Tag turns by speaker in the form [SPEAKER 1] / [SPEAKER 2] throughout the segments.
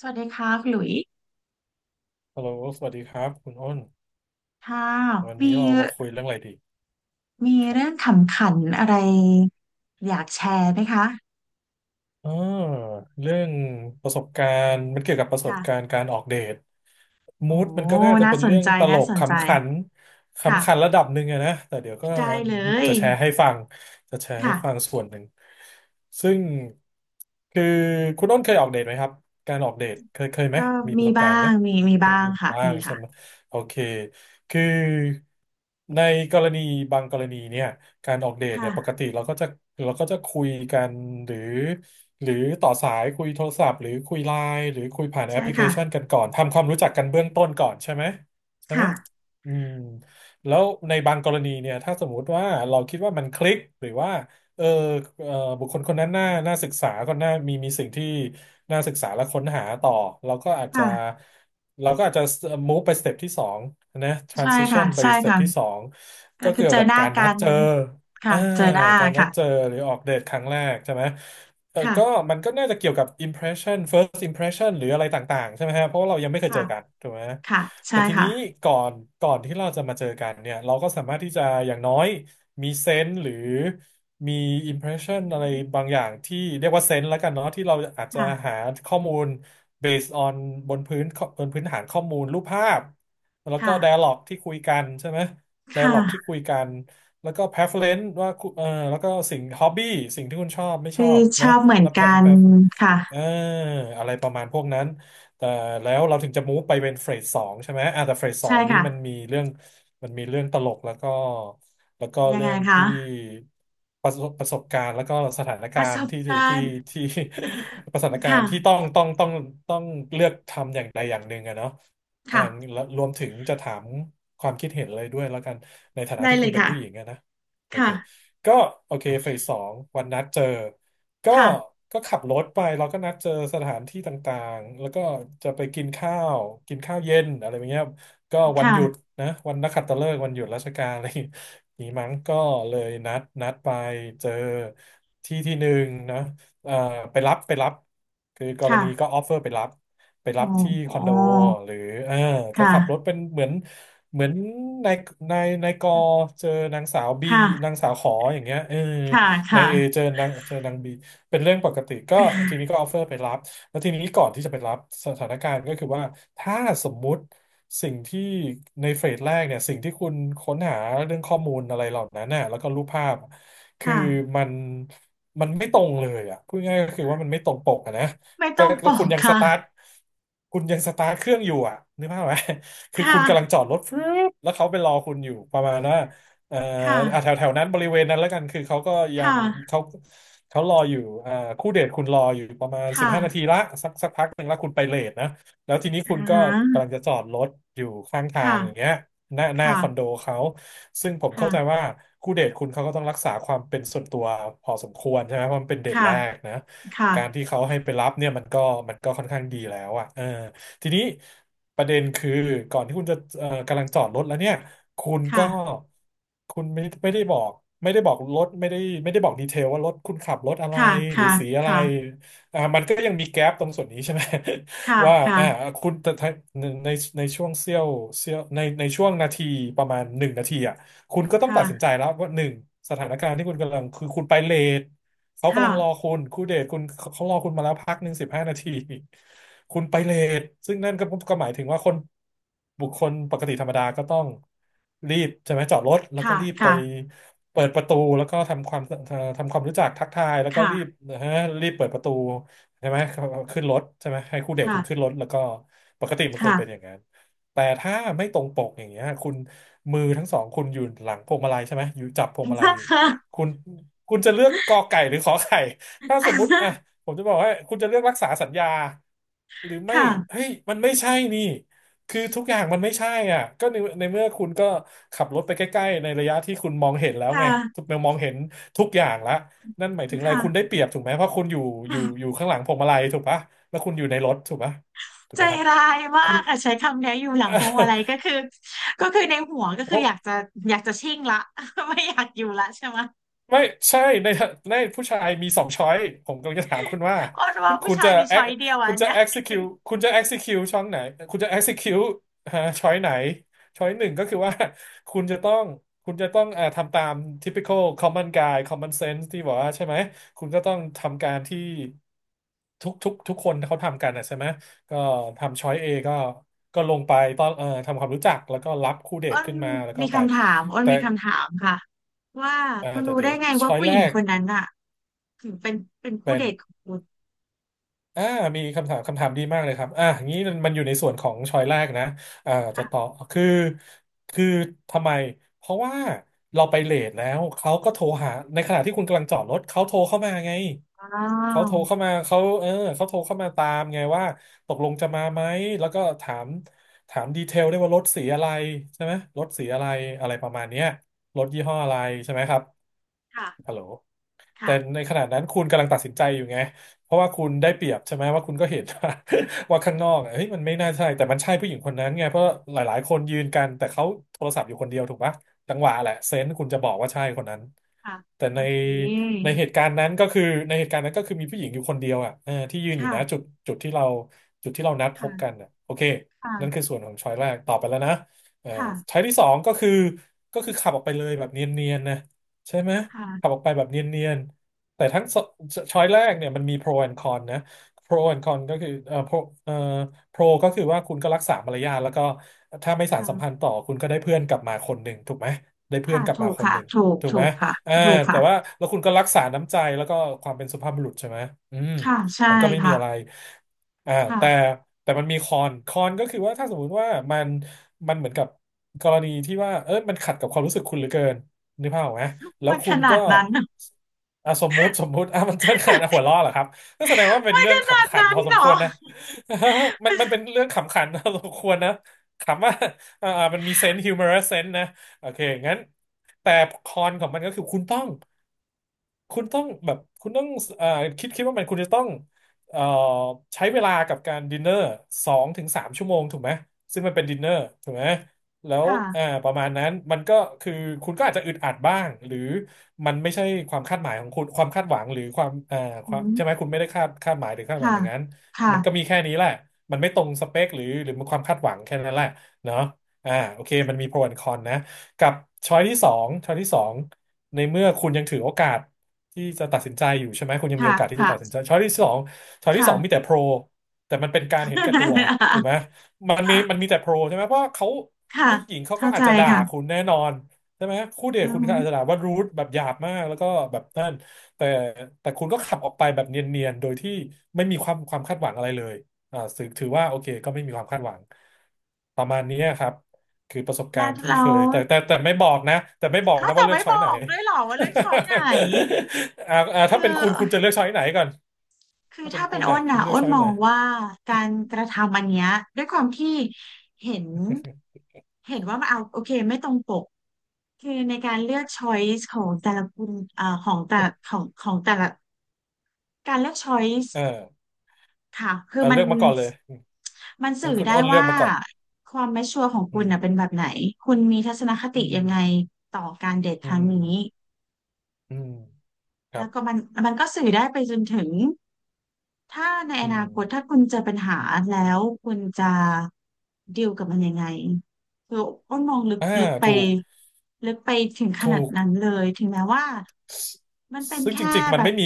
[SPEAKER 1] สวัสดีค่ะคุณหลุย
[SPEAKER 2] ฮัลโหลสวัสดีครับคุณอ้น
[SPEAKER 1] ค่ะ
[SPEAKER 2] วัน
[SPEAKER 1] มี
[SPEAKER 2] นี้เรามาคุยเรื่องอะไรดี
[SPEAKER 1] มี
[SPEAKER 2] ครั
[SPEAKER 1] เรื่อง
[SPEAKER 2] บ
[SPEAKER 1] ขำขันอะไรอยากแชร์ไหมคะ
[SPEAKER 2] อ่าเรื่องประสบการณ์มันเกี่ยวกับประสบ
[SPEAKER 1] ค่ะ
[SPEAKER 2] การณ์การออกเดท
[SPEAKER 1] โอ้
[SPEAKER 2] มูดมันก็น่าจะ
[SPEAKER 1] น่า
[SPEAKER 2] เป็น
[SPEAKER 1] สน
[SPEAKER 2] เรื่อง
[SPEAKER 1] ใจ
[SPEAKER 2] ตล
[SPEAKER 1] น่า
[SPEAKER 2] ก
[SPEAKER 1] สนใจ
[SPEAKER 2] ขำขัน
[SPEAKER 1] ค่ะ
[SPEAKER 2] ขำขันระดับหนึ่งอะนะแต่เดี๋ยวก็
[SPEAKER 1] ได้เลย
[SPEAKER 2] จะแชร์ให้ฟังจะแชร์ให้ฟัง
[SPEAKER 1] ค่ะ
[SPEAKER 2] ส่วนหนึ่งซึ่งคือคุณอ้นเคยออกเดทไหมครับการออกเดทเคยไหม
[SPEAKER 1] ก็
[SPEAKER 2] มีป
[SPEAKER 1] มี
[SPEAKER 2] ระสบ
[SPEAKER 1] บ้า
[SPEAKER 2] การณ์ไหม
[SPEAKER 1] งมีบ้างค่ะ
[SPEAKER 2] บ้า
[SPEAKER 1] มี
[SPEAKER 2] งใช่
[SPEAKER 1] ค่ะ
[SPEAKER 2] ไหมโอเคคือในกรณีบางกรณีเนี่ยการออกเดทเนี่ยปก
[SPEAKER 1] ค่ะ
[SPEAKER 2] ติเราก็จะคุยกันหรือหรือต่อสายคุยโทรศัพท์หรือคุยไลน์หรือคุยผ่านแอ
[SPEAKER 1] ใช่
[SPEAKER 2] ปพลิเค
[SPEAKER 1] ค่ะ
[SPEAKER 2] ชันกันก่อนทำความรู้จักกันเบื้องต้นก่อนใช่ไหมใช่ไหม
[SPEAKER 1] ค่ะ
[SPEAKER 2] อืมแล้วในบางกรณีเนี่ยถ้าสมมุติว่าเราคิดว่ามันคลิกหรือว่า เออบุคคลคนนั้นน่าศึกษาก็น่ามีสิ่งที่น่าศึกษาและค้นหาต่อเราก็อาจจะ
[SPEAKER 1] ค่ะ
[SPEAKER 2] เราก็อาจจะ move ไปสเต็ปที่สองนะ
[SPEAKER 1] ใช่ค่ะ
[SPEAKER 2] transition ไป
[SPEAKER 1] ใช่
[SPEAKER 2] สเต็ป
[SPEAKER 1] ค่ะ
[SPEAKER 2] ที่สอง
[SPEAKER 1] ก็
[SPEAKER 2] ก็
[SPEAKER 1] คือ
[SPEAKER 2] เกี่ย
[SPEAKER 1] เจ
[SPEAKER 2] ว
[SPEAKER 1] อ
[SPEAKER 2] กับ
[SPEAKER 1] หน้า
[SPEAKER 2] การนั
[SPEAKER 1] กั
[SPEAKER 2] ด
[SPEAKER 1] น
[SPEAKER 2] เจอ
[SPEAKER 1] ค่ะ
[SPEAKER 2] อ่า
[SPEAKER 1] เจอหน้า
[SPEAKER 2] การนัด
[SPEAKER 1] ค่ะ
[SPEAKER 2] เจอหรือออกเดทครั้งแรกใช่ไหม
[SPEAKER 1] ค่ะ
[SPEAKER 2] ก็มันก็น่าจะเกี่ยวกับ impression first impression หรืออะไรต่างๆใช่ไหมฮะเพราะว่าเรายังไม่เคยเจ
[SPEAKER 1] ค่ะ
[SPEAKER 2] อกันถูกไหม
[SPEAKER 1] ค่ะใช่
[SPEAKER 2] แต่ที
[SPEAKER 1] ค่ะ
[SPEAKER 2] นี้ก่อนก่อนที่เราจะมาเจอกันเนี่ย เราก็สามารถที่จะอย่างน้อย มีเซนส์หรือมีอิมเพรสชั
[SPEAKER 1] อื
[SPEAKER 2] นอะไร
[SPEAKER 1] ม
[SPEAKER 2] บางอย่างที่เรียกว่าเซนส์แล้วกันเนาะที่เราอาจจะ
[SPEAKER 1] ค่ะ
[SPEAKER 2] หาข้อมูล based on บนพื้นบนพื้นฐานข้อมูลรูปภาพแล้วก็
[SPEAKER 1] ค่ะ
[SPEAKER 2] dialog ที่คุยกันใช่ไหม
[SPEAKER 1] ค
[SPEAKER 2] dialog ที่
[SPEAKER 1] ่ะ
[SPEAKER 2] คุยกันแล้วก็ preference ว่าคุณแล้วก็สิ่ง hobby สิ่งที่คุณชอบไม่ชอ
[SPEAKER 1] คือ
[SPEAKER 2] บ
[SPEAKER 1] ช
[SPEAKER 2] เนาะ
[SPEAKER 1] อบเหมือน
[SPEAKER 2] แล้ว
[SPEAKER 1] กัน ค่ะ
[SPEAKER 2] เอออะไรประมาณพวกนั้นแต่แล้วเราถึงจะม v e ไปเป็นเฟสสองใช่ไหมอ่ะแต่เฟสสอ
[SPEAKER 1] ใช่
[SPEAKER 2] งนี่
[SPEAKER 1] ค่ะ
[SPEAKER 2] มันมีเรื่อง มันมีเรื่องตลกแล้วก็แล้วก็
[SPEAKER 1] ยัง
[SPEAKER 2] เรื่
[SPEAKER 1] ไง
[SPEAKER 2] องที่
[SPEAKER 1] คะ
[SPEAKER 2] ประสบการณ์แล้วก็สถาน
[SPEAKER 1] ป
[SPEAKER 2] กา
[SPEAKER 1] ระ
[SPEAKER 2] ร
[SPEAKER 1] ส
[SPEAKER 2] ณ์
[SPEAKER 1] บ
[SPEAKER 2] ที่ที่
[SPEAKER 1] การณ์
[SPEAKER 2] ที่ ประสถานการ
[SPEAKER 1] ค่ะ
[SPEAKER 2] ณ์ที่ต้องเลือกทำอย่างใดอย่างหนึ่งอะเนาะอ่า
[SPEAKER 1] ค่ะ
[SPEAKER 2] แล้วรวมถึงจะถามความคิดเห็นเลยด้วยแล้วกันในฐานะ
[SPEAKER 1] ได้
[SPEAKER 2] ที่
[SPEAKER 1] เล
[SPEAKER 2] คุณ
[SPEAKER 1] ย
[SPEAKER 2] เป็น
[SPEAKER 1] ค่ะ
[SPEAKER 2] ผู้หญิงอะนะโอเค
[SPEAKER 1] ค่ะ
[SPEAKER 2] ก็โอเคเฟสสองวันนัดเจอก็
[SPEAKER 1] ค่ะ
[SPEAKER 2] ก็ขับรถไปเราก็นัดเจอสถานที่ต่างๆแล้วก็จะไปกินข้าวกินข้าวเย็นอะไรอย่างเงี้ย ก็วันหยุด
[SPEAKER 1] ค่ะ
[SPEAKER 2] นะวันนักขัตฤกษ์วันหยุดราชการอะไรอย่าง นี้มั้งก็เลยนัดไปเจอที่ที่หนึ่งนะเอ่อไปรับคือกร
[SPEAKER 1] ค่ะ
[SPEAKER 2] ณีก็ออฟเฟอร์ไปรั
[SPEAKER 1] โอ้
[SPEAKER 2] บที่
[SPEAKER 1] โอ้
[SPEAKER 2] คอนโดหรือเออก็ขับรถ
[SPEAKER 1] ค่ะ
[SPEAKER 2] เป็นเหมือนนายนายกอเจอนางสาวบีนา
[SPEAKER 1] ค่ะ
[SPEAKER 2] งสาวขออย่างเงี้ย
[SPEAKER 1] ค่ะ
[SPEAKER 2] นายเอเจ
[SPEAKER 1] ค่ะ
[SPEAKER 2] อนางบีเป็นเรื่องปกติก็ทีนี้ก็ออฟเฟอร์ไปรับแล้วทีนี้ก่อนที่จะไปรับสถานการณ์ก็คือว่าถ้าสมมุติ สิ่งที่ในเฟสแรกเนี่ยสิ่งที่คุณค้นหาเรื่องข้อมูลอะไรเหล่านั้นน่ะแล้วก็รูปภาพคือ
[SPEAKER 1] ค่ะ
[SPEAKER 2] มันมันไม่ตรงเลยอ่ะพูดง่ายๆก็คือว่ามันไม่ตรงปกอะนะ
[SPEAKER 1] ไม่
[SPEAKER 2] แต่
[SPEAKER 1] ต้องป
[SPEAKER 2] แล้ว
[SPEAKER 1] อ
[SPEAKER 2] คุณ
[SPEAKER 1] ก
[SPEAKER 2] ยังส
[SPEAKER 1] ค่ะ
[SPEAKER 2] ตาร์ทคุณยังสตาร์ทเครื่องอยู่อ่ะนึกภาพไหม
[SPEAKER 1] ค
[SPEAKER 2] คือคุณกำลัง
[SPEAKER 1] ่ะ
[SPEAKER 2] จอดรถฟึบแล้วเขาไปรอคุณอยู่ประมาณว่าเอ่ออ่ะแถ
[SPEAKER 1] ค่ะ
[SPEAKER 2] วแถวนั้นบริเวณนั้นแล้วกันคือเขาก็
[SPEAKER 1] ค
[SPEAKER 2] ยัง
[SPEAKER 1] ่ะ
[SPEAKER 2] เขาเขารออยู่อ่าคู่เดทคุณรออยู่ประมาณสิบ
[SPEAKER 1] ค่ะ
[SPEAKER 2] ห้านาทีละสักพักหนึ่งแล้วคุณไปเลทนะ แล้วทีนี้
[SPEAKER 1] อ่า
[SPEAKER 2] คุณก็
[SPEAKER 1] ฮะ
[SPEAKER 2] กำลังจะจอดรถอยู่ข้างทาง
[SPEAKER 1] ค่ะ
[SPEAKER 2] อย่างเงี้ยหน้า
[SPEAKER 1] ค่ะ
[SPEAKER 2] คอนโดเขาซึ่งผมเข้าใจ
[SPEAKER 1] ค่ะ
[SPEAKER 2] ว่าคู่เดทคุณเขาก็ต้องรักษาความเป็นส่วนตัวพอสมควรใช่ไหมเพราะมันเป็นเดท
[SPEAKER 1] ค่ะ
[SPEAKER 2] แรกนะการที่เขาให้ไปรับเนี่ยมันก็ค่อนข้างดีแล้วอ่ะทีนี้ประเด็นคือก่อนที่คุณจะกำลังจอดรถแล้วเนี่ยคุณก็
[SPEAKER 1] ค่ะ
[SPEAKER 2] คุณไม่ได้บอกรถไม่ได้ไม่ได้บอกดีเทลว่ารถคุณขับรถอะไร
[SPEAKER 1] ค่ะ
[SPEAKER 2] หรือสีอะไร
[SPEAKER 1] ค่ะ
[SPEAKER 2] มันก็ยังมีแก๊ปตรงส่วนนี้ใช่ไหม
[SPEAKER 1] ค่ะ
[SPEAKER 2] ว่าอ่า
[SPEAKER 1] ค่ะ
[SPEAKER 2] คุณแต่ถ้าในช่วงเสี้ยวในช่วงนาทีประมาณ1 นาทีอ่ะคุณก็ต้องตั
[SPEAKER 1] ค่ะ
[SPEAKER 2] ดสินใจแล้วว่าหนึ่งสถานการณ์ที่คุณกำลังคือคุณไปเลทเขากำ
[SPEAKER 1] ค่ะ
[SPEAKER 2] ลังรอคุณคู่เดทคุณเขารอคุณมาแล้วพักหนึ่ง15 นาทีคุณไปเลทซึ่งนั่นก็หมายถึงว่าบุคคลปกติธรรมดาก็ต้องรีบใช่ไหมจอดรถแล้ว
[SPEAKER 1] ค
[SPEAKER 2] ก็รีบไป
[SPEAKER 1] ่ะ
[SPEAKER 2] เปิดประตูแล้วก็ทำความรู้จักทักทายแล้วก็
[SPEAKER 1] ค่ะค่ะ
[SPEAKER 2] รีบ
[SPEAKER 1] ค่ะ
[SPEAKER 2] นะฮะรีบเปิดประตู ใช่ไหมขึ้นรถใช่ไหมให้คู่เดท
[SPEAKER 1] ค่ะ
[SPEAKER 2] คุณขึ้น
[SPEAKER 1] ค่ะ
[SPEAKER 2] รถแล้วก็ปกติมันควร
[SPEAKER 1] ค่ะ
[SPEAKER 2] เป็นอย่างนั้นแต่ถ้าไม่ตรงปกอย่างเงี้ยคุณมือทั้งสองคุณอยู่หลังพวงมาลัยใช่ไหมอยู่จับพวงมาลัยอยู่คุณคุณจะเลือกกอไก่หรือขอไข่ถ้า
[SPEAKER 1] ค
[SPEAKER 2] สมมุติอ่ะ
[SPEAKER 1] ่ะ
[SPEAKER 2] ผมจะบอกว่าคุณจะเลือกรักษาสัญญาหรือไม่เฮ้
[SPEAKER 1] ค่ะ
[SPEAKER 2] ยมันไม่ใช่นี่คือทุกอย่างมันไม่ใช่อ่ะก็ในเมื่อคุณก็ขับรถไปใกล้ๆในระยะที่คุณมองเห็นแล้วไง
[SPEAKER 1] ค่ะ
[SPEAKER 2] มองเห็นทุกอย่างละ นั่นหมายถึงอะไร
[SPEAKER 1] ค่ะ
[SPEAKER 2] คุณได้เปรียบถูกไหมเพราะคุณอยู่ข้างหลังพวงมาลัยถูกปะแล้วคุณอยู่ในรถถูกปะถูก
[SPEAKER 1] ใจ
[SPEAKER 2] ไหมครับ
[SPEAKER 1] ร้ายมา
[SPEAKER 2] คุณ
[SPEAKER 1] กค่ะใช้คำนี้อยู่หลังพวงมาลัยก็คือในหัวก็คืออยากจะ อยากจะชิ่งละ ไม่อยากอยู่ละใช่ไหม
[SPEAKER 2] ไม่ใช่ในผู้ชายมีสองช้อยผมกำลังจะถามคุณว่า
[SPEAKER 1] อ้นว่าผู้
[SPEAKER 2] คุณ
[SPEAKER 1] ชาย
[SPEAKER 2] จะ
[SPEAKER 1] มีช้อ
[SPEAKER 2] ex-
[SPEAKER 1] ยเดียวอั
[SPEAKER 2] คุณ
[SPEAKER 1] น
[SPEAKER 2] จะ
[SPEAKER 1] เนี้ย
[SPEAKER 2] execute คุณจะ execute ช่องไหนคุณจะ execute ฮะช้อยไหนช้อยหนึ่งก็คือว่าคุณจะต้องคุณจะต้องเอ่อทำตาม typical common guy common sense ที่บอกว่าใช่ไหมคุณก็ต้องทำการที่ทุกคนเขาทำกันนะใช่ไหมก็ทำช้อย A ก็ลงไปตอนทำความรู้จักแล้วก็รับคู่เด
[SPEAKER 1] อ้
[SPEAKER 2] ท
[SPEAKER 1] น
[SPEAKER 2] ขึ้นมาแล้วก็
[SPEAKER 1] มี
[SPEAKER 2] ไป
[SPEAKER 1] คำถามอ้น
[SPEAKER 2] แต่
[SPEAKER 1] มีคำถามค่ะว่า
[SPEAKER 2] เอ่อ
[SPEAKER 1] คุณ
[SPEAKER 2] แต่
[SPEAKER 1] รู้
[SPEAKER 2] เดี๋
[SPEAKER 1] ได้
[SPEAKER 2] ยว
[SPEAKER 1] ไงว่า
[SPEAKER 2] ช้อย
[SPEAKER 1] ผู้
[SPEAKER 2] แร
[SPEAKER 1] หญิง
[SPEAKER 2] ก
[SPEAKER 1] คนนั้นอ่ะถึงเป็นเป็นคู่
[SPEAKER 2] เป็
[SPEAKER 1] เด
[SPEAKER 2] น
[SPEAKER 1] ทของคุณ
[SPEAKER 2] อ่ามีคำถามคำถามดีมากเลยครับงี้มันอยู่ในส่วนของชอยแรกนะจะต่อ
[SPEAKER 1] ค่ะ
[SPEAKER 2] คือคือทำไมเพราะว่าเราไปเลทแล้วเขาก็โทรหาในขณะที่คุณกำลังจอดรถเขาโทรเข้ามาไง
[SPEAKER 1] อ๋อ
[SPEAKER 2] เขาโทรเข้ามาเขาโทรเข้ามาตามไงว่าตกลงจะมาไหมแล้วก็ถามดีเทลได้วยว่ารถสีอะไรใช่ไหมรถสีอะไรอะไรประมาณเนี้ยรถยี่ห้ออะไรใช่ไหมครับ
[SPEAKER 1] ค่ะ
[SPEAKER 2] ฮัลโหล แต่
[SPEAKER 1] ค่ะ
[SPEAKER 2] ในขณะนั้นคุณกำลังตัดสินใจอยู่ไงเพราะว่าคุณได้เปรียบใช่ไหมว่าคุณก็เห็น ว่าข้างนอกอะเฮ้ยมันไม่น่าใช่แต่มันใช่ผู้หญิงคนนั้นไงเพราะหลายๆคนยืนกันแต่เขาโทรศัพท์อยู่คนเดียวถูกปะจังหวะแหละเซนส์คุณจะบอกว่าใช่คนนั้น
[SPEAKER 1] ค่ะ
[SPEAKER 2] แต่
[SPEAKER 1] โอเค
[SPEAKER 2] ในเหตุการณ์นั้นก็คือในเหตุการณ์นั้นก็คือมีผู้หญิงอยู่คนเดียวอ่ะที่ยืนอยู่นะ
[SPEAKER 1] ค่ะ
[SPEAKER 2] จุดที่เราจุดที่เรานัดพบกั
[SPEAKER 1] ค่ะ
[SPEAKER 2] นอ่ะโอเค
[SPEAKER 1] ค่ะ
[SPEAKER 2] นั่นคือส่วนของช้อยแรกตอบไปแล้วนะเออ
[SPEAKER 1] ค่ะ
[SPEAKER 2] ช้อยที่สองก็คือขับออกไปเลยแบบเนียนๆนะใช่ไหมขับ
[SPEAKER 1] ค
[SPEAKER 2] ออกไปแบบเนียน แต่ทั้งสช้อยแรกเนี่ยมันมี pro and con นะ pro and con ก็คือเอ่อ pro ก็คือว่าคุณก็รักษามารยาทแล้วก็ถ้าไม่สานสัมพั
[SPEAKER 1] ่ะ
[SPEAKER 2] นธ์ต่อคุณก็ได้เพื่อนกลับมาคนหนึ่งถูกไหมได้เพื่อ
[SPEAKER 1] ค่ะ
[SPEAKER 2] นกลับ
[SPEAKER 1] ถู
[SPEAKER 2] มา
[SPEAKER 1] ก
[SPEAKER 2] คน
[SPEAKER 1] ค่ะ
[SPEAKER 2] หนึ่ง
[SPEAKER 1] ถูก
[SPEAKER 2] ถูกไห
[SPEAKER 1] ถู
[SPEAKER 2] ม
[SPEAKER 1] กค่ะ
[SPEAKER 2] อ่า
[SPEAKER 1] ถูก
[SPEAKER 2] แต่
[SPEAKER 1] ค่ะ
[SPEAKER 2] ว่าแล้วคุณก็รักษาน้ำใจแล้วก็ความเป็นสุภาพบุรุษใช่ไหมอืม
[SPEAKER 1] ค่ะใช่
[SPEAKER 2] มันก็ไม่มี
[SPEAKER 1] ค่ะ
[SPEAKER 2] อะไรอ่าแต่
[SPEAKER 1] ค่ะ
[SPEAKER 2] แต่มันมีคอนก็คือว่าถ้าสมมุติว่ามันเหมือนกับกรณีที่ว่ามันขัดกับความรู้สึกคุณเหลือเกินนึกภาพออกไหม แล้ว
[SPEAKER 1] มัน
[SPEAKER 2] คุ
[SPEAKER 1] ข
[SPEAKER 2] ณ
[SPEAKER 1] นา
[SPEAKER 2] ก็
[SPEAKER 1] ดนั้น
[SPEAKER 2] อ่ะสมมุติอ่ะ มันเป็นขนาดหัวล้อเหรอครับก็แสดงว่าเป็น
[SPEAKER 1] มัน
[SPEAKER 2] เรื่
[SPEAKER 1] ข
[SPEAKER 2] อง
[SPEAKER 1] นาด
[SPEAKER 2] ขำขัน
[SPEAKER 1] นั้
[SPEAKER 2] พ
[SPEAKER 1] น
[SPEAKER 2] อส
[SPEAKER 1] เหร
[SPEAKER 2] มค
[SPEAKER 1] อ
[SPEAKER 2] วรนะ มันเป็นเรื่องขำขัน พอสมควรนะขำว่ามันมีเซนส์ฮิวเมอรัสเซนส์นะโอเคงั้นแต่คอนของมันก็คือคุณต้อง คุณต้องแบบคุณต้องอ่าคิดว่ามันคุณจะต้องเอ่อใช้เวลากับการดินเนอร์2-3 ชั่วโมงถูกไหมซึ่งมันเป็นดินเนอร์ถูกไหมแล้ว
[SPEAKER 1] ค่ะ
[SPEAKER 2] ประมาณนั้นมันก็คือคุณก็อาจจะอึดอัดบ้างหรือมันไม่ใช่ความคาดหมายของคุณความคาดหวังหรือความค
[SPEAKER 1] อื
[SPEAKER 2] วาม
[SPEAKER 1] ม
[SPEAKER 2] ใช่ไหมคุณไม่ได้คาดหมายหรือคาดหวัง
[SPEAKER 1] ค่ะ
[SPEAKER 2] อย่างนั้นมันก็มี
[SPEAKER 1] ค่ะ
[SPEAKER 2] แค่นี้แหละมันไม่ตรงสเปคหรือมันความคาดหวังแค่นั้นแหละเนาะโอเคมันมีโปรแอนคอนนะ กับช้อยที่สองในเมื่อคุณยังถือโอกาสที่จะตัดสินใจอยู่ใช่ไหมคุณยังมี
[SPEAKER 1] ค่ะ
[SPEAKER 2] โอกาสที่จะตัดสิน
[SPEAKER 1] ค่ะ
[SPEAKER 2] ใจช้อยที่สองช้อยที่
[SPEAKER 1] ค่ะ
[SPEAKER 2] สองมีแต่โปรแต่มันเป็นการเห็นแก่ ตัวถูกไหมมันมีแต่โปรใช่ไหมเพราะเขา
[SPEAKER 1] ค่ะ
[SPEAKER 2] ผู้หญิงเขาก็
[SPEAKER 1] เข้า
[SPEAKER 2] อา
[SPEAKER 1] ใจ
[SPEAKER 2] จจะด่าคุ
[SPEAKER 1] ค่ะ
[SPEAKER 2] ณแน่นอนใช่ไหมคู่เดท
[SPEAKER 1] อือ
[SPEAKER 2] คุณ
[SPEAKER 1] ฮึ
[SPEAKER 2] ก็อาจจะด่าว่ารูทแบบหยาบมากแล้วก็แบบนั่นแต่แต่คุณก็ขับออกไปแบบเนียนๆโดยที่ไม่มีความคาดหวังอะไรเลยถือว่าโอเคก็ไม่มีความคาดหวังประมาณนี้ครับ คือประสบกา
[SPEAKER 1] แล้
[SPEAKER 2] ร
[SPEAKER 1] ว
[SPEAKER 2] ณ์ที่
[SPEAKER 1] เรา
[SPEAKER 2] เคยแต่ไม่บอกนะแต่ไม่บอก
[SPEAKER 1] เขา
[SPEAKER 2] นะ
[SPEAKER 1] จะ
[SPEAKER 2] ว่าเลือก
[SPEAKER 1] ไม่
[SPEAKER 2] ช้อ
[SPEAKER 1] บ
[SPEAKER 2] ยไหน
[SPEAKER 1] อกด้วยเหรอว่าเลือกช้อยไหน คื
[SPEAKER 2] ถ้าเป็นคุณคุณจะ
[SPEAKER 1] อ
[SPEAKER 2] เลือกช้อยไหนก่อน
[SPEAKER 1] คือ
[SPEAKER 2] ถ้าเป็น
[SPEAKER 1] ถ้าเป็
[SPEAKER 2] คุ
[SPEAKER 1] น
[SPEAKER 2] ณ
[SPEAKER 1] อ้
[SPEAKER 2] น่ะ
[SPEAKER 1] น
[SPEAKER 2] คุ
[SPEAKER 1] อ่ะ
[SPEAKER 2] ณเลือ
[SPEAKER 1] อ้
[SPEAKER 2] ก
[SPEAKER 1] น
[SPEAKER 2] ช้อย
[SPEAKER 1] มอ
[SPEAKER 2] ไหน
[SPEAKER 1] งว่าการกระทำอันเนี้ยด้วยความที่เห็นเห็นว่ามันเอาโอเคไม่ตรงปกคือในการเลือก choice ของแต่ละคุณของแต่ของแต่ละการเลือก choice
[SPEAKER 2] เออ
[SPEAKER 1] ค่ะคือมัน
[SPEAKER 2] เลือกมาก่อนเลยอืม
[SPEAKER 1] มันสื่
[SPEAKER 2] งั้น
[SPEAKER 1] อ
[SPEAKER 2] คุณ
[SPEAKER 1] ได้
[SPEAKER 2] อ้นเลือก
[SPEAKER 1] ว่า
[SPEAKER 2] มาก่อน
[SPEAKER 1] ความไม่ชัวร์ของ
[SPEAKER 2] อื
[SPEAKER 1] คุณน่ะเป็น
[SPEAKER 2] ม
[SPEAKER 1] แบบไหนคุณมีทัศนค
[SPEAKER 2] อื
[SPEAKER 1] ติยังไง
[SPEAKER 2] ม
[SPEAKER 1] ต่อการเดท
[SPEAKER 2] อื
[SPEAKER 1] ครั้ง
[SPEAKER 2] ม
[SPEAKER 1] นี้
[SPEAKER 2] อืมครั
[SPEAKER 1] แล้
[SPEAKER 2] บ
[SPEAKER 1] วก็มันก็สื่อได้ไปจนถึง ถ้าใน
[SPEAKER 2] อื
[SPEAKER 1] อนา
[SPEAKER 2] ม
[SPEAKER 1] คตถ้าคุณเจอปัญหาแล้วคุณจะดีลกับมันยังไงคืออ้นมองลึก
[SPEAKER 2] อ่า
[SPEAKER 1] ลึกไป
[SPEAKER 2] ถูก
[SPEAKER 1] ลึกไปถึงข
[SPEAKER 2] ถู
[SPEAKER 1] นาด
[SPEAKER 2] ก
[SPEAKER 1] นั้นเลยถึงแม้ว่า
[SPEAKER 2] ซ
[SPEAKER 1] มันเป็น
[SPEAKER 2] ซึ่งจ
[SPEAKER 1] แค่
[SPEAKER 2] ริงๆมั
[SPEAKER 1] แบ
[SPEAKER 2] น
[SPEAKER 1] บ
[SPEAKER 2] ไม่มี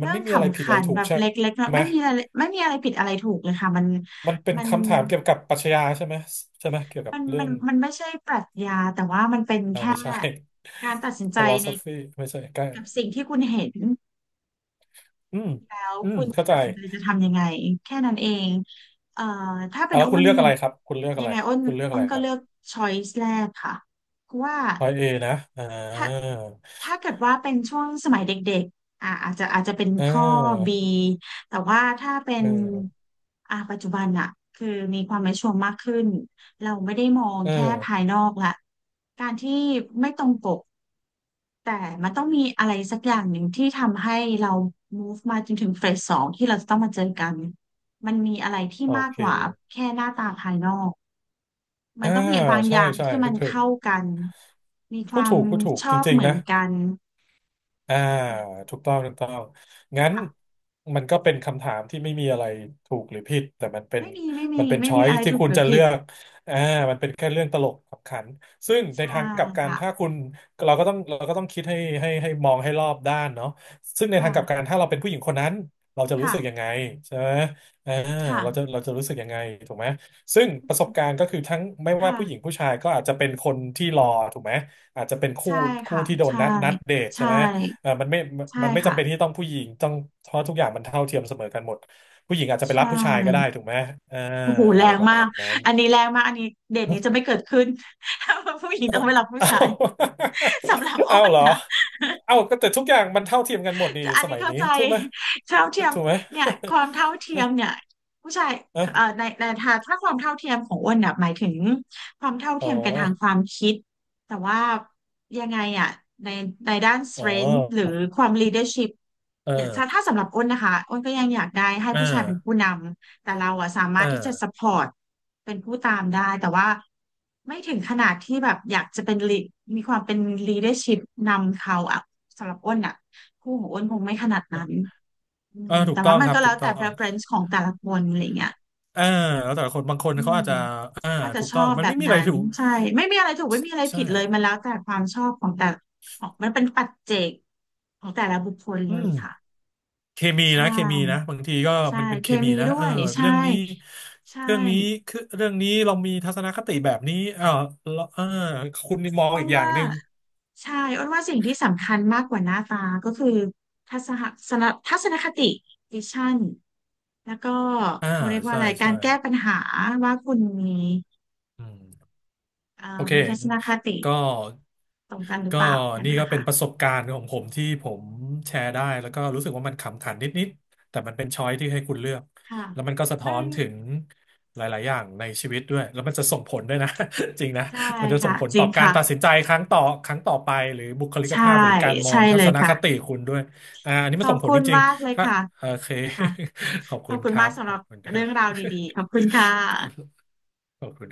[SPEAKER 2] มัน
[SPEAKER 1] เรื่อง
[SPEAKER 2] ไม่มีอะไร
[SPEAKER 1] ขำ
[SPEAKER 2] ผิดอะ
[SPEAKER 1] ขั
[SPEAKER 2] ไร
[SPEAKER 1] น
[SPEAKER 2] ถู
[SPEAKER 1] แบ
[SPEAKER 2] ก
[SPEAKER 1] บ
[SPEAKER 2] ใช่
[SPEAKER 1] เล็กๆเนาะ
[SPEAKER 2] ไหม
[SPEAKER 1] ไม่มีอะไรไม่มีอะไรผิดอะไรถูกเลยค่ะ
[SPEAKER 2] มันเป็น
[SPEAKER 1] มัน
[SPEAKER 2] คำถามเกี่ยวกับปรัชญาใช่ไหมใช่ไหมเกี่ยวกั
[SPEAKER 1] มั
[SPEAKER 2] บ
[SPEAKER 1] น
[SPEAKER 2] เรื่
[SPEAKER 1] มั
[SPEAKER 2] อ
[SPEAKER 1] น
[SPEAKER 2] ง
[SPEAKER 1] มันไม่ใช่ปรัชญาแต่ว่ามันเป็นแค่
[SPEAKER 2] ไม่ใช่
[SPEAKER 1] การตัดสิ นใจใน
[SPEAKER 2] philosophy ไม่ใช่ใกล้
[SPEAKER 1] กับสิ่งที่คุณเห็น
[SPEAKER 2] อืม
[SPEAKER 1] แล้ว
[SPEAKER 2] อืม
[SPEAKER 1] คุณ
[SPEAKER 2] เข้าใจ
[SPEAKER 1] ตัดสินใจจะทำยังไงแค่นั้นเองเอ่อถ้าเป็
[SPEAKER 2] อ่ะ
[SPEAKER 1] น
[SPEAKER 2] แล้ว
[SPEAKER 1] อ้
[SPEAKER 2] คุณ
[SPEAKER 1] น
[SPEAKER 2] เลือก
[SPEAKER 1] ยั
[SPEAKER 2] อะ
[SPEAKER 1] ง
[SPEAKER 2] ไรครับคุณเลือก
[SPEAKER 1] ยั
[SPEAKER 2] อะ
[SPEAKER 1] ง
[SPEAKER 2] ไร
[SPEAKER 1] ไงอ้น
[SPEAKER 2] คุณเลือก
[SPEAKER 1] อ้
[SPEAKER 2] อะ
[SPEAKER 1] น
[SPEAKER 2] ไร
[SPEAKER 1] ก็
[SPEAKER 2] ครั
[SPEAKER 1] เลือก
[SPEAKER 2] บ
[SPEAKER 1] ช้อยส์แรกค่ะเพราะว่า
[SPEAKER 2] พอยเอนะ
[SPEAKER 1] ถ้าถ้าเกิดว่าเป็นช่วงสมัยเด็กๆอาจจะเป็น
[SPEAKER 2] เ
[SPEAKER 1] ข้อ B
[SPEAKER 2] ออ
[SPEAKER 1] แต่ว่าถ้าเป็น
[SPEAKER 2] เออ
[SPEAKER 1] อ่ะปัจจุบันอะคือมีความแมชชวร์มากขึ้นเราไม่ได้มอง
[SPEAKER 2] เอ
[SPEAKER 1] แค่ภาย
[SPEAKER 2] อ
[SPEAKER 1] นอกละการที่ไม่ตรงปก แต่มันต้องมีอะไรสักอย่างหนึ่งที่ทำให้เรา move มาจนถึงเฟสสองที่เราจะต้องมาเจอกัน มันมีอะไรที่
[SPEAKER 2] โอ
[SPEAKER 1] มาก
[SPEAKER 2] เค
[SPEAKER 1] กว่าแค่หน้าตาภายนอก มั
[SPEAKER 2] อ่า
[SPEAKER 1] นต้องมีบางอ
[SPEAKER 2] ใช่
[SPEAKER 1] ย่าง
[SPEAKER 2] ใช่
[SPEAKER 1] ที่มัน
[SPEAKER 2] ถูก
[SPEAKER 1] เข้ากันมีความ
[SPEAKER 2] พูดถูก
[SPEAKER 1] ช
[SPEAKER 2] จ
[SPEAKER 1] อบ
[SPEAKER 2] ริง
[SPEAKER 1] เหมื
[SPEAKER 2] ๆ
[SPEAKER 1] อ
[SPEAKER 2] นะ
[SPEAKER 1] นกัน
[SPEAKER 2] อ่าถูกต้องถูกต้องงั้น
[SPEAKER 1] ค่ะ
[SPEAKER 2] มันก็เป็นคำถามที่ไม่มีอะไรถูกหรือผิดแต่
[SPEAKER 1] ไม่มี ไม่
[SPEAKER 2] มั
[SPEAKER 1] มี
[SPEAKER 2] นเป็น
[SPEAKER 1] ไม่
[SPEAKER 2] ช้อ
[SPEAKER 1] มี
[SPEAKER 2] ย
[SPEAKER 1] อะไร
[SPEAKER 2] ที่
[SPEAKER 1] ถูก
[SPEAKER 2] คุ
[SPEAKER 1] ห
[SPEAKER 2] ณ
[SPEAKER 1] รือ
[SPEAKER 2] จะ
[SPEAKER 1] ผิ
[SPEAKER 2] เลื
[SPEAKER 1] ด
[SPEAKER 2] อกอ่ามันเป็นแค่เรื่องตลกขำขันซึ่งใน
[SPEAKER 1] ใช่
[SPEAKER 2] ทางกลับกัน
[SPEAKER 1] ค่ะ
[SPEAKER 2] ถ้าคุณเราก็ต้องคิดให้มองให้รอบด้านเนาะซึ่งในทางกลับกัน
[SPEAKER 1] ค่ะ
[SPEAKER 2] ถ้าเราเป็นผู้หญิงคนนั้นเราจะรู้
[SPEAKER 1] ค่ะ
[SPEAKER 2] สึกยังไงใช่ไหมอ่า
[SPEAKER 1] ค่ะ
[SPEAKER 2] เราจะรู้สึกยังไงถูกไหมซึ่งประสบการณ์ก็คือทั้งไม่ว่าผู้หญิง
[SPEAKER 1] ค่ะ
[SPEAKER 2] ผู้ชายก็อาจจะเป็นคนที่รอถูกไหมอาจจะเป็นคู่
[SPEAKER 1] ใช่
[SPEAKER 2] คู่
[SPEAKER 1] ค่ะ
[SPEAKER 2] ที่โดน
[SPEAKER 1] ใช่
[SPEAKER 2] นัดเดทใช่
[SPEAKER 1] ใช่
[SPEAKER 2] ไหม เออ
[SPEAKER 1] ใช่
[SPEAKER 2] มันไม่
[SPEAKER 1] ค่ะ
[SPEAKER 2] จำเป็นที่ต้องผู้หญิงต้องเพราะทุกอย่างมันเท่าเทียมเสมอกันหมดผู้หญิงอาจจะไป
[SPEAKER 1] ใช่
[SPEAKER 2] รับผู้ชายก็ได้ถูกไหมเออ
[SPEAKER 1] โอ้โหแร
[SPEAKER 2] อะไร
[SPEAKER 1] ง
[SPEAKER 2] ประ
[SPEAKER 1] มา
[SPEAKER 2] มา
[SPEAKER 1] ก
[SPEAKER 2] ณนั้น
[SPEAKER 1] อันนี้แรงมาก อันนี้เดทนี้จะไม่ เกิดขึ้น ถ้าผู้หญิงต้องไปรับผู้
[SPEAKER 2] เอา
[SPEAKER 1] ชายสำหรับอ้
[SPEAKER 2] เอา
[SPEAKER 1] น
[SPEAKER 2] เหรอ
[SPEAKER 1] นะ
[SPEAKER 2] เอาก็แต่ทุกอย่างมันเท่าเทียมกันหมดนี่
[SPEAKER 1] อัน
[SPEAKER 2] ส
[SPEAKER 1] นี้
[SPEAKER 2] มัย
[SPEAKER 1] เข้า
[SPEAKER 2] นี้
[SPEAKER 1] ใจ
[SPEAKER 2] ถูกไหม
[SPEAKER 1] เท่าเทียม
[SPEAKER 2] ถูกไหม
[SPEAKER 1] เนี่ยความเท่าเทียมเนี่ยผู้ชาย
[SPEAKER 2] อะ
[SPEAKER 1] ในถ้าถ้าความเท่าเทียมของอ้วนเน่ยหมายถึงความเท่า
[SPEAKER 2] อ๋
[SPEAKER 1] เที
[SPEAKER 2] อ
[SPEAKER 1] ยมกันทางความคิดแต่ว่ายังไงอ่ะในในด้าน
[SPEAKER 2] อ๋อ
[SPEAKER 1] strength หรือความ leadership
[SPEAKER 2] เออ
[SPEAKER 1] อย่าถ้าถ้าสำหรับอ้นนะคะอ้นก็ยังอยากได้ให้
[SPEAKER 2] อ่า
[SPEAKER 1] ผู้ชายเป็นผู้นำแต่เราอ่ะสามา
[SPEAKER 2] อ
[SPEAKER 1] รถที่จะ
[SPEAKER 2] ่า
[SPEAKER 1] support เป็นผู้ตามได้แต่ว่าไม่ถึงขนาดที่แบบอยากจะเป็น มีความเป็น leadership นำเขาอ่ะสำหรับอ้นอ่ะ โอ้โหอ้วนคงไม่ขนาดนั้น
[SPEAKER 2] เออถู
[SPEAKER 1] แต่
[SPEAKER 2] กต้อ
[SPEAKER 1] ว่า
[SPEAKER 2] ง
[SPEAKER 1] มัน
[SPEAKER 2] ครับ
[SPEAKER 1] ก็แล้
[SPEAKER 2] ถู
[SPEAKER 1] ว
[SPEAKER 2] กต้
[SPEAKER 1] แต่
[SPEAKER 2] อง
[SPEAKER 1] preference ของแต่ละคนอะไรเงี้ย
[SPEAKER 2] อ่าแล้วแต่ละคนบางคน
[SPEAKER 1] อื
[SPEAKER 2] เขา
[SPEAKER 1] ม
[SPEAKER 2] อาจจะอ่า
[SPEAKER 1] ก็จะ
[SPEAKER 2] ถูก
[SPEAKER 1] ช
[SPEAKER 2] ต้
[SPEAKER 1] อ
[SPEAKER 2] อง
[SPEAKER 1] บ
[SPEAKER 2] มั
[SPEAKER 1] แบ
[SPEAKER 2] นไม่
[SPEAKER 1] บ
[SPEAKER 2] มีอะไร
[SPEAKER 1] นั้น
[SPEAKER 2] ถูก
[SPEAKER 1] ใช่ไม่มีอะไรถูกไม่มีอะไร
[SPEAKER 2] ใช่
[SPEAKER 1] ผิดเลยมันแล้วแต่ความชอบของแต่ของมันเป็นปัจเจกของแต่ละบุคคล
[SPEAKER 2] อื
[SPEAKER 1] เลย
[SPEAKER 2] ม
[SPEAKER 1] ค่ะ
[SPEAKER 2] เคมี
[SPEAKER 1] ใช่
[SPEAKER 2] นะเคมีนะบางทีก็
[SPEAKER 1] ใช่
[SPEAKER 2] มันเป็น
[SPEAKER 1] เค
[SPEAKER 2] เคมี
[SPEAKER 1] มี
[SPEAKER 2] นะ
[SPEAKER 1] ด้
[SPEAKER 2] เอ
[SPEAKER 1] ว
[SPEAKER 2] อ
[SPEAKER 1] ย
[SPEAKER 2] แบบ
[SPEAKER 1] ใช่
[SPEAKER 2] เรื่องนี้
[SPEAKER 1] ใช่
[SPEAKER 2] เรื่องนี้คือเรื่องนี้เรามีทัศนคติแบบนี้เออแลาเออคุณมอง
[SPEAKER 1] อ้
[SPEAKER 2] อี
[SPEAKER 1] น
[SPEAKER 2] กอย่าง
[SPEAKER 1] ว่า
[SPEAKER 2] หนึ่ง
[SPEAKER 1] ใช่อ้นว่าสิ่งที่สำคัญมากกว่าหน้าตาก็คือทัศนสนทัศนคติวิชั่นแล้วก็
[SPEAKER 2] อ่า
[SPEAKER 1] เขาเรียกว่า
[SPEAKER 2] ใช่
[SPEAKER 1] อะไรกา
[SPEAKER 2] ใช่
[SPEAKER 1] รแก้ปัญหาว่าคุณมี
[SPEAKER 2] อืม โอเค
[SPEAKER 1] มีทัศนคติ
[SPEAKER 2] ก็
[SPEAKER 1] ตรงกันหรือ
[SPEAKER 2] ก็
[SPEAKER 1] เปล่าอย่าง
[SPEAKER 2] นี่
[SPEAKER 1] นั้น
[SPEAKER 2] ก็
[SPEAKER 1] นะ
[SPEAKER 2] เป็
[SPEAKER 1] คะ
[SPEAKER 2] นประสบการณ์ของผมที่ผมแชร์ได้แล้วก็รู้สึกว่ามันขำขันนิดๆแต่มันเป็นช้อยที่ให้คุณเลือก
[SPEAKER 1] ค่ะ
[SPEAKER 2] แล้วมันก็สะท้
[SPEAKER 1] ไม่
[SPEAKER 2] อนถึงหลายๆอย่างในชีวิตด้วยแล้วมันจะส่งผลด้วยนะ จริงนะ
[SPEAKER 1] ใช่
[SPEAKER 2] มันจะส่
[SPEAKER 1] ค่ะ
[SPEAKER 2] งผล
[SPEAKER 1] จริ
[SPEAKER 2] ต่อ
[SPEAKER 1] ง
[SPEAKER 2] การตัด
[SPEAKER 1] ค่ะ
[SPEAKER 2] สินใจครั้งต่อครั้งต่อไปหรือบุคลิก
[SPEAKER 1] ใช่
[SPEAKER 2] ภาพหรือการมอ
[SPEAKER 1] ใช่
[SPEAKER 2] งทั
[SPEAKER 1] เล
[SPEAKER 2] ศ
[SPEAKER 1] ย
[SPEAKER 2] นคติ
[SPEAKER 1] ค่ะ
[SPEAKER 2] คุณด้วยอันนี้
[SPEAKER 1] ข
[SPEAKER 2] มัน
[SPEAKER 1] อบ
[SPEAKER 2] ส่งผล
[SPEAKER 1] คุ
[SPEAKER 2] จ
[SPEAKER 1] ณ
[SPEAKER 2] ริง
[SPEAKER 1] มากเลย
[SPEAKER 2] ๆถ้า
[SPEAKER 1] ค่ะ
[SPEAKER 2] โอเค
[SPEAKER 1] ค่ะ
[SPEAKER 2] ขอบ
[SPEAKER 1] ข
[SPEAKER 2] คุ
[SPEAKER 1] อบ
[SPEAKER 2] ณ
[SPEAKER 1] คุ
[SPEAKER 2] ค
[SPEAKER 1] ณ
[SPEAKER 2] รั
[SPEAKER 1] มาก
[SPEAKER 2] บ
[SPEAKER 1] สำ
[SPEAKER 2] ข
[SPEAKER 1] ห
[SPEAKER 2] อ
[SPEAKER 1] รั
[SPEAKER 2] บ
[SPEAKER 1] บ
[SPEAKER 2] คุณครั
[SPEAKER 1] เรื่องราว
[SPEAKER 2] บ
[SPEAKER 1] ดีๆขอบคุณค่ะ
[SPEAKER 2] ขอบคุณ